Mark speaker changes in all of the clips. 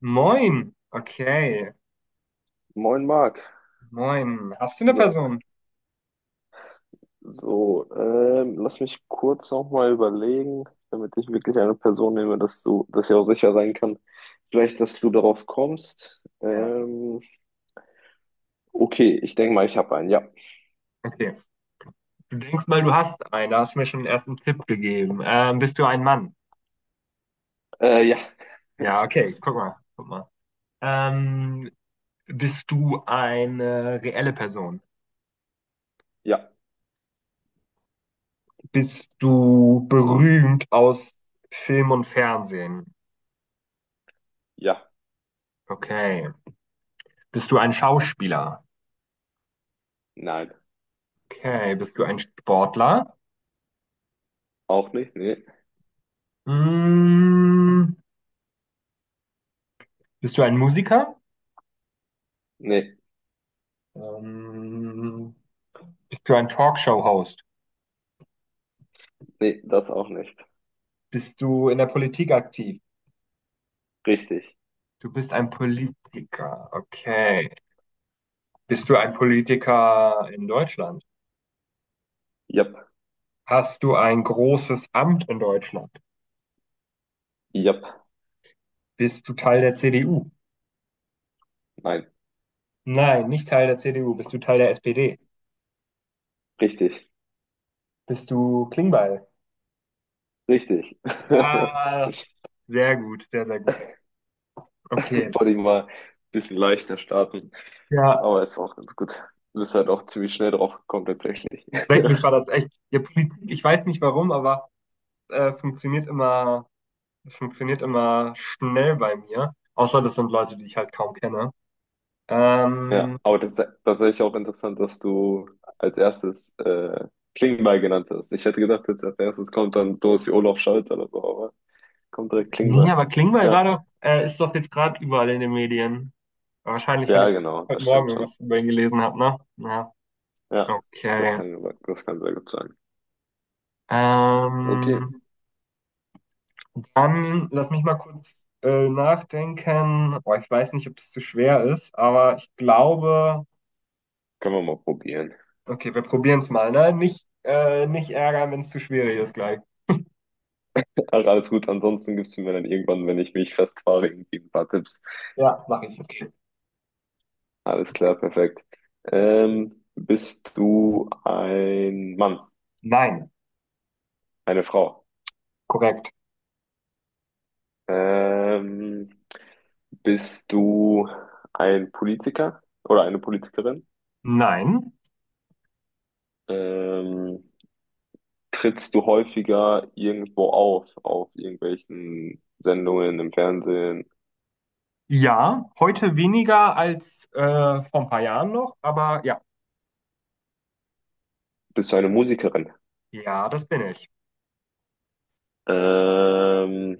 Speaker 1: Moin. Okay.
Speaker 2: Moin Marc.
Speaker 1: Moin. Hast du eine
Speaker 2: So,
Speaker 1: Person?
Speaker 2: so, lass mich kurz nochmal überlegen, damit ich wirklich eine Person nehme, dass ich auch sicher sein kann, vielleicht, dass du darauf kommst.
Speaker 1: Ja.
Speaker 2: Okay, ich denke mal, ich habe einen. Ja.
Speaker 1: Okay. Du denkst mal, du hast einen. Da hast du mir schon den ersten Tipp gegeben. Bist du ein Mann?
Speaker 2: Ja,
Speaker 1: Ja, okay. Guck mal. Guck mal. Ähm, Bist du eine reelle Person?
Speaker 2: ja,
Speaker 1: Bist du berühmt aus Film und Fernsehen?
Speaker 2: ja.
Speaker 1: Okay. Bist du ein Schauspieler?
Speaker 2: Nein.
Speaker 1: Okay. Bist du ein Sportler?
Speaker 2: Auch nicht? Nee.
Speaker 1: Mm, Bist du ein Musiker?
Speaker 2: Nee,
Speaker 1: Ähm, Bist du ein Talkshow-Host?
Speaker 2: nee, das auch nicht.
Speaker 1: Bist du in der Politik aktiv?
Speaker 2: Richtig.
Speaker 1: Du bist ein Politiker. Okay. Bist du ein Politiker in Deutschland?
Speaker 2: Jap,
Speaker 1: Hast du ein großes Amt in Deutschland?
Speaker 2: jap.
Speaker 1: Bist du Teil der CDU?
Speaker 2: Nein.
Speaker 1: Nein, nicht Teil der CDU. Bist du Teil der SPD?
Speaker 2: Richtig.
Speaker 1: Bist du Klingbeil?
Speaker 2: Richtig.
Speaker 1: Ah, sehr gut, sehr, sehr gut. Okay.
Speaker 2: Wollte ich mal ein bisschen leichter starten,
Speaker 1: Ja,
Speaker 2: aber ist auch ganz gut. Du bist halt auch ziemlich schnell drauf gekommen, tatsächlich.
Speaker 1: eigentlich war das echt. Ja, Politik, ich weiß nicht warum, aber äh, funktioniert immer, funktioniert immer schnell bei mir. Außer das sind Leute, die ich halt kaum kenne. Ähm,
Speaker 2: Ja, aber das ist tatsächlich auch interessant, dass du als erstes Klingbeil genannt hast. Ich hätte gedacht, jetzt als erstes kommt dann sowas wie Olaf Scholz oder so, aber kommt direkt
Speaker 1: Nee,
Speaker 2: Klingbeil.
Speaker 1: aber Klingbeil war
Speaker 2: Ja,
Speaker 1: doch, ist doch jetzt gerade überall in den Medien. Wahrscheinlich, weil
Speaker 2: ja,
Speaker 1: ich
Speaker 2: genau,
Speaker 1: heute
Speaker 2: das
Speaker 1: Morgen
Speaker 2: stimmt schon.
Speaker 1: irgendwas über ihn gelesen habe, ne? Ja,
Speaker 2: Ja,
Speaker 1: okay.
Speaker 2: das kann sehr gut sein. Okay,
Speaker 1: Ähm, Dann lass mich mal kurz nachdenken. Boah, ich weiß nicht, ob das zu schwer ist, aber ich glaube,
Speaker 2: können wir mal probieren.
Speaker 1: okay, wir probieren es mal, ne? Nicht ärgern, wenn es zu schwierig ist gleich.
Speaker 2: Ach, alles gut, ansonsten gibst du mir dann irgendwann, wenn ich mich festfahre, irgendwie ein paar Tipps.
Speaker 1: Ja, mache ich. Okay.
Speaker 2: Alles klar, perfekt. Bist du ein Mann,
Speaker 1: Nein,
Speaker 2: eine Frau?
Speaker 1: korrekt.
Speaker 2: Ähm, Bist du ein Politiker oder eine Politikerin?
Speaker 1: Nein.
Speaker 2: Ähm, Trittst du häufiger irgendwo auf irgendwelchen Sendungen im Fernsehen?
Speaker 1: Ja, heute weniger als vor ein paar Jahren noch, aber ja.
Speaker 2: Bist du eine Musikerin?
Speaker 1: Ja, das bin ich.
Speaker 2: Ähm,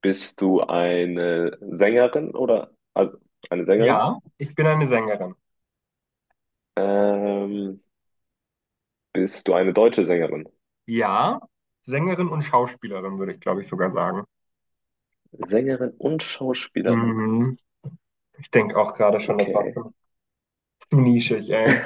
Speaker 2: Bist du eine Sängerin oder also eine Sängerin?
Speaker 1: Ja, ich bin eine Sängerin.
Speaker 2: Ähm, Bist du eine deutsche Sängerin?
Speaker 1: Ja, Sängerin und Schauspielerin, würde ich, glaube ich, sogar sagen.
Speaker 2: Sängerin und Schauspielerin.
Speaker 1: Mhm. Ich denke auch gerade schon, das war
Speaker 2: Okay.
Speaker 1: zu nischig, ey.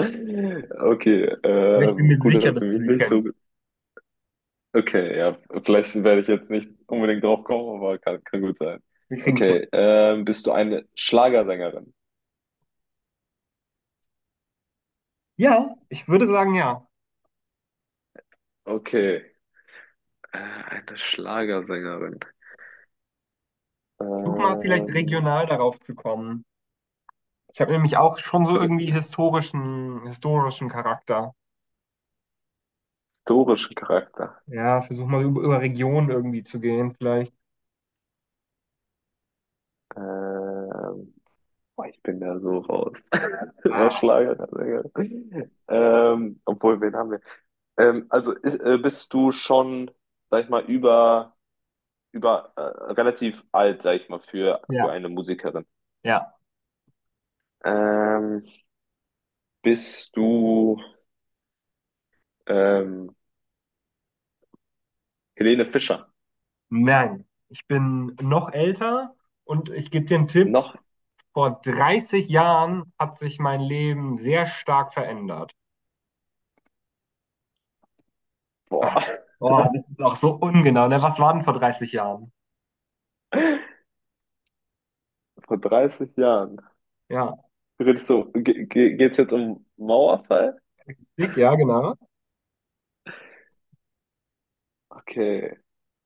Speaker 2: Okay,
Speaker 1: Aber ich bin mir
Speaker 2: gut,
Speaker 1: sicher,
Speaker 2: dass
Speaker 1: dass
Speaker 2: du
Speaker 1: du
Speaker 2: mich
Speaker 1: sie
Speaker 2: nicht so.
Speaker 1: kennst.
Speaker 2: Okay, ja, vielleicht werde ich jetzt nicht unbedingt drauf kommen, aber kann gut sein.
Speaker 1: Wir kriegen es hin.
Speaker 2: Okay, bist du eine Schlagersängerin?
Speaker 1: Ja, ich würde sagen, ja.
Speaker 2: Okay, eine Schlagersängerin.
Speaker 1: Versuch mal vielleicht
Speaker 2: Ähm,
Speaker 1: regional darauf zu kommen. Ich habe nämlich auch schon so irgendwie historischen Charakter.
Speaker 2: Historischen Charakter.
Speaker 1: Ja, versuch mal über, über Regionen irgendwie zu gehen, vielleicht.
Speaker 2: Ähm, Boah, ich bin da so raus. Was
Speaker 1: Ah,
Speaker 2: Schlagersängerin? Obwohl, wen haben wir? Also ist, bist du schon, sag ich mal, über, über relativ alt, sag ich mal,
Speaker 1: ja,
Speaker 2: für eine Musikerin?
Speaker 1: ja.
Speaker 2: Ähm, Bist du ähm, Helene Fischer?
Speaker 1: Nein, ich bin noch älter und ich gebe dir einen Tipp.
Speaker 2: Noch?
Speaker 1: Vor 30 Jahren hat sich mein Leben sehr stark verändert.
Speaker 2: Boah,
Speaker 1: Ach, oh, das ist auch so ungenau. Ne? Was war denn vor 30 Jahren?
Speaker 2: vor 30 Jahren.
Speaker 1: Ja,
Speaker 2: Du Redest du, ge ge geht's jetzt um Mauerfall?
Speaker 1: dick, ja, genau.
Speaker 2: Okay,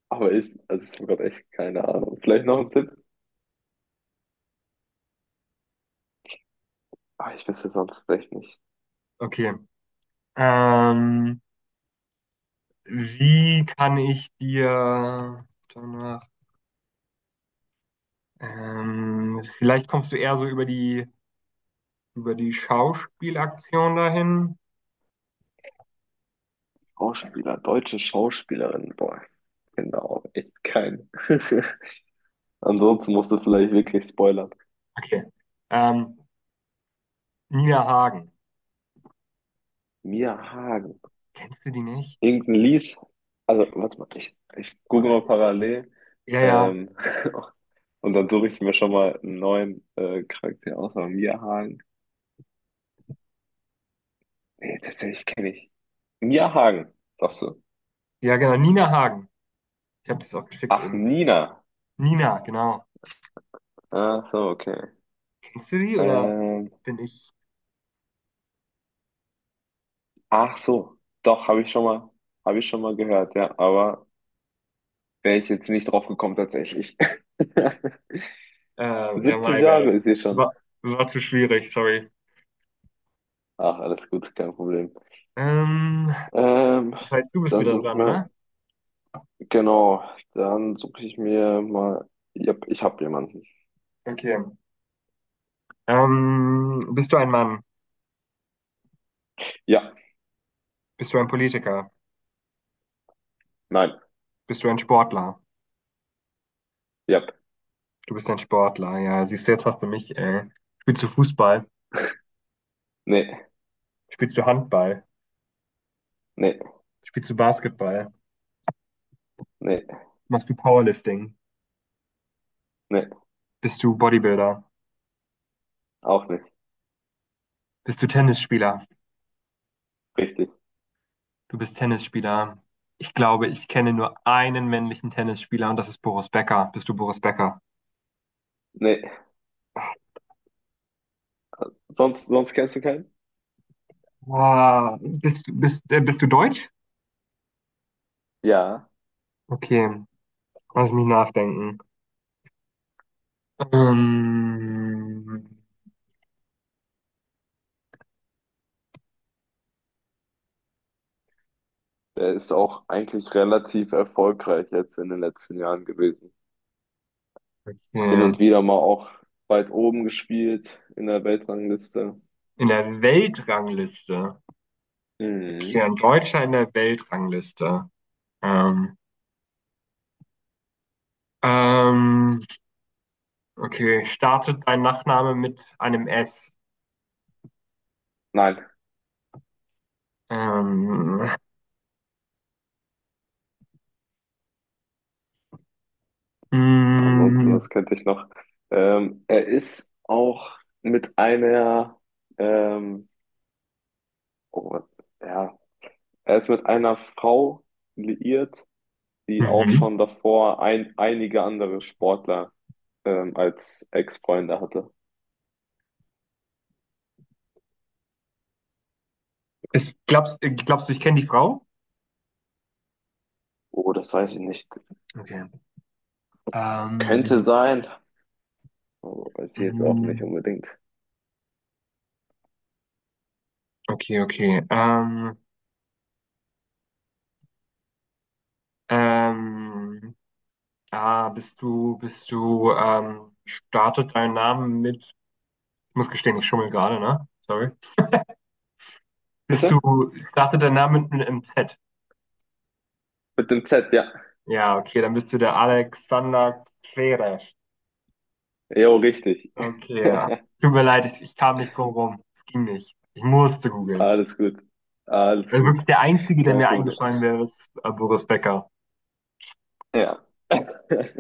Speaker 2: aber ich, also ich habe gerade echt keine Ahnung. Vielleicht noch ein Tipp? Ah, ich wüsste sonst echt nicht.
Speaker 1: Okay. Ähm, Wie kann ich dir danach, vielleicht kommst du eher so über über die Schauspielaktion dahin.
Speaker 2: Schauspieler, deutsche Schauspielerin. Boah, genau, echt kein. Ansonsten musst du vielleicht wirklich spoilern.
Speaker 1: Okay. Ähm, Nina Hagen.
Speaker 2: Mia Hagen,
Speaker 1: Kennst du die nicht?
Speaker 2: irgendein Lies. Also, warte mal, ich google mal parallel.
Speaker 1: Ja, ja.
Speaker 2: Ähm, Und dann suche ich mir schon mal einen neuen Charakter aus. Aber Mia Hagen. Nee, tatsächlich kenne ich. Mia Hagen, sagst du.
Speaker 1: Ja, genau. Nina Hagen. Ich habe das auch geschickt
Speaker 2: Ach,
Speaker 1: eben.
Speaker 2: Nina.
Speaker 1: Nina, genau.
Speaker 2: Ach so, okay.
Speaker 1: Kennst du die oder
Speaker 2: Ähm,
Speaker 1: bin ich?
Speaker 2: ach so, doch, habe ich schon mal gehört, ja. Aber wäre ich jetzt nicht drauf gekommen, tatsächlich.
Speaker 1: Äh, ja,
Speaker 2: 70
Speaker 1: my
Speaker 2: Jahre
Speaker 1: bad.
Speaker 2: ist sie schon.
Speaker 1: War, war zu schwierig, sorry.
Speaker 2: Ach, alles gut, kein Problem.
Speaker 1: Ähm,
Speaker 2: Ähm,
Speaker 1: Das heißt, du bist
Speaker 2: Dann
Speaker 1: wieder
Speaker 2: suche ich
Speaker 1: dran,
Speaker 2: mir,
Speaker 1: ne?
Speaker 2: genau, dann suche ich mir mal. Ja, ich habe jemanden.
Speaker 1: Okay. Bist du ein Mann?
Speaker 2: Ja,
Speaker 1: Bist du ein Politiker?
Speaker 2: nein,
Speaker 1: Bist du ein Sportler?
Speaker 2: ja,
Speaker 1: Du bist ein Sportler, ja. Siehst du, jetzt hast du mich, ey. Spielst du Fußball?
Speaker 2: nee,
Speaker 1: Spielst du Handball?
Speaker 2: nee,
Speaker 1: Spielst du Basketball?
Speaker 2: nee.
Speaker 1: Machst du Powerlifting?
Speaker 2: Nee,
Speaker 1: Bist du Bodybuilder?
Speaker 2: auch nicht.
Speaker 1: Bist du Tennisspieler?
Speaker 2: Richtig.
Speaker 1: Du bist Tennisspieler. Ich glaube, ich kenne nur einen männlichen Tennisspieler und das ist Boris Becker. Bist du Boris Becker?
Speaker 2: Nee. Sonst, sonst kennst du keinen?
Speaker 1: Ah, bist du Deutsch?
Speaker 2: Ja,
Speaker 1: Okay, lass mich nachdenken. Ähm,
Speaker 2: der ist auch eigentlich relativ erfolgreich jetzt in den letzten Jahren gewesen. Hin
Speaker 1: okay.
Speaker 2: und wieder mal auch weit oben gespielt in der Weltrangliste.
Speaker 1: In der Weltrangliste. Okay,
Speaker 2: Mhm.
Speaker 1: ein Deutscher in der Weltrangliste. Ähm, ähm, okay, startet dein Nachname mit einem S?
Speaker 2: Nein,
Speaker 1: Ähm,
Speaker 2: ansonsten,
Speaker 1: mm,
Speaker 2: das könnte ich noch. Er ist auch mit einer, ähm, oh, ja, er ist mit einer Frau liiert, die auch
Speaker 1: mhm.
Speaker 2: schon davor einige andere Sportler als Ex-Freunde hatte.
Speaker 1: Glaubst du, ich kenne die Frau?
Speaker 2: Oh, das weiß ich nicht.
Speaker 1: Okay. Ähm,
Speaker 2: Könnte sein. Aber weiß ich jetzt auch
Speaker 1: mm,
Speaker 2: nicht unbedingt.
Speaker 1: okay, okay. Ähm, bist du, startet dein Name mit, ich muss gestehen, ich schummel gerade, ne? Sorry. Bist du,
Speaker 2: Bitte?
Speaker 1: startet dein Name mit einem MZ?
Speaker 2: Mit dem Z, ja.
Speaker 1: Ja, okay, dann bist du der Alexander Zverev.
Speaker 2: Jo, richtig.
Speaker 1: Okay, ja. Tut mir leid, ich kam nicht drum rum. Es ging nicht. Ich musste googeln.
Speaker 2: Alles gut. Alles
Speaker 1: Also
Speaker 2: gut.
Speaker 1: wirklich der Einzige, der
Speaker 2: Kein
Speaker 1: mir
Speaker 2: Problem.
Speaker 1: eingefallen wäre, ist Boris Becker.
Speaker 2: Ja.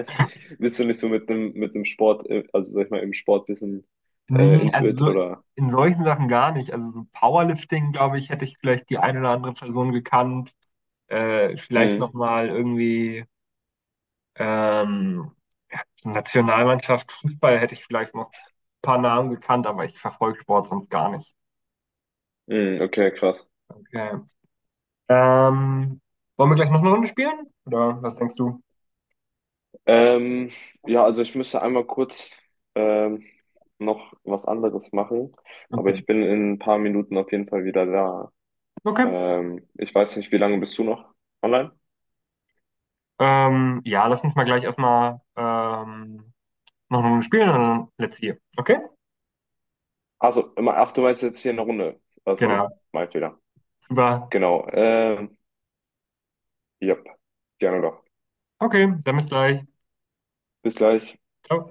Speaker 2: Bist du nicht so mit dem Sport, also sag ich mal, im Sport bisschen
Speaker 1: Nee, also
Speaker 2: intuit
Speaker 1: so
Speaker 2: oder?
Speaker 1: in solchen Sachen gar nicht. Also so Powerlifting, glaube ich, hätte ich vielleicht die eine oder andere Person gekannt. Vielleicht
Speaker 2: Mhm.
Speaker 1: nochmal irgendwie Ähm, Nationalmannschaft, Fußball hätte ich vielleicht noch ein paar Namen gekannt, aber ich verfolge Sport sonst gar nicht.
Speaker 2: Mhm, okay, krass.
Speaker 1: Okay. Ähm, Wollen wir gleich noch eine Runde spielen? Oder was denkst du?
Speaker 2: Ähm, ja, also ich müsste einmal kurz ähm, noch was anderes machen, aber
Speaker 1: Okay.
Speaker 2: ich bin in ein paar Minuten auf jeden Fall wieder da.
Speaker 1: Okay.
Speaker 2: Ich weiß nicht, wie lange bist du noch online?
Speaker 1: Ja, lass uns mal gleich erstmal noch eine Runde spielen und dann let's hier. Okay?
Speaker 2: Also, immer, ach, du meinst jetzt hier eine Runde. Ah, sorry,
Speaker 1: Genau.
Speaker 2: mein Fehler.
Speaker 1: Super.
Speaker 2: Genau. Yep, gerne doch.
Speaker 1: Okay, dann bis gleich.
Speaker 2: Bis gleich.
Speaker 1: Ciao.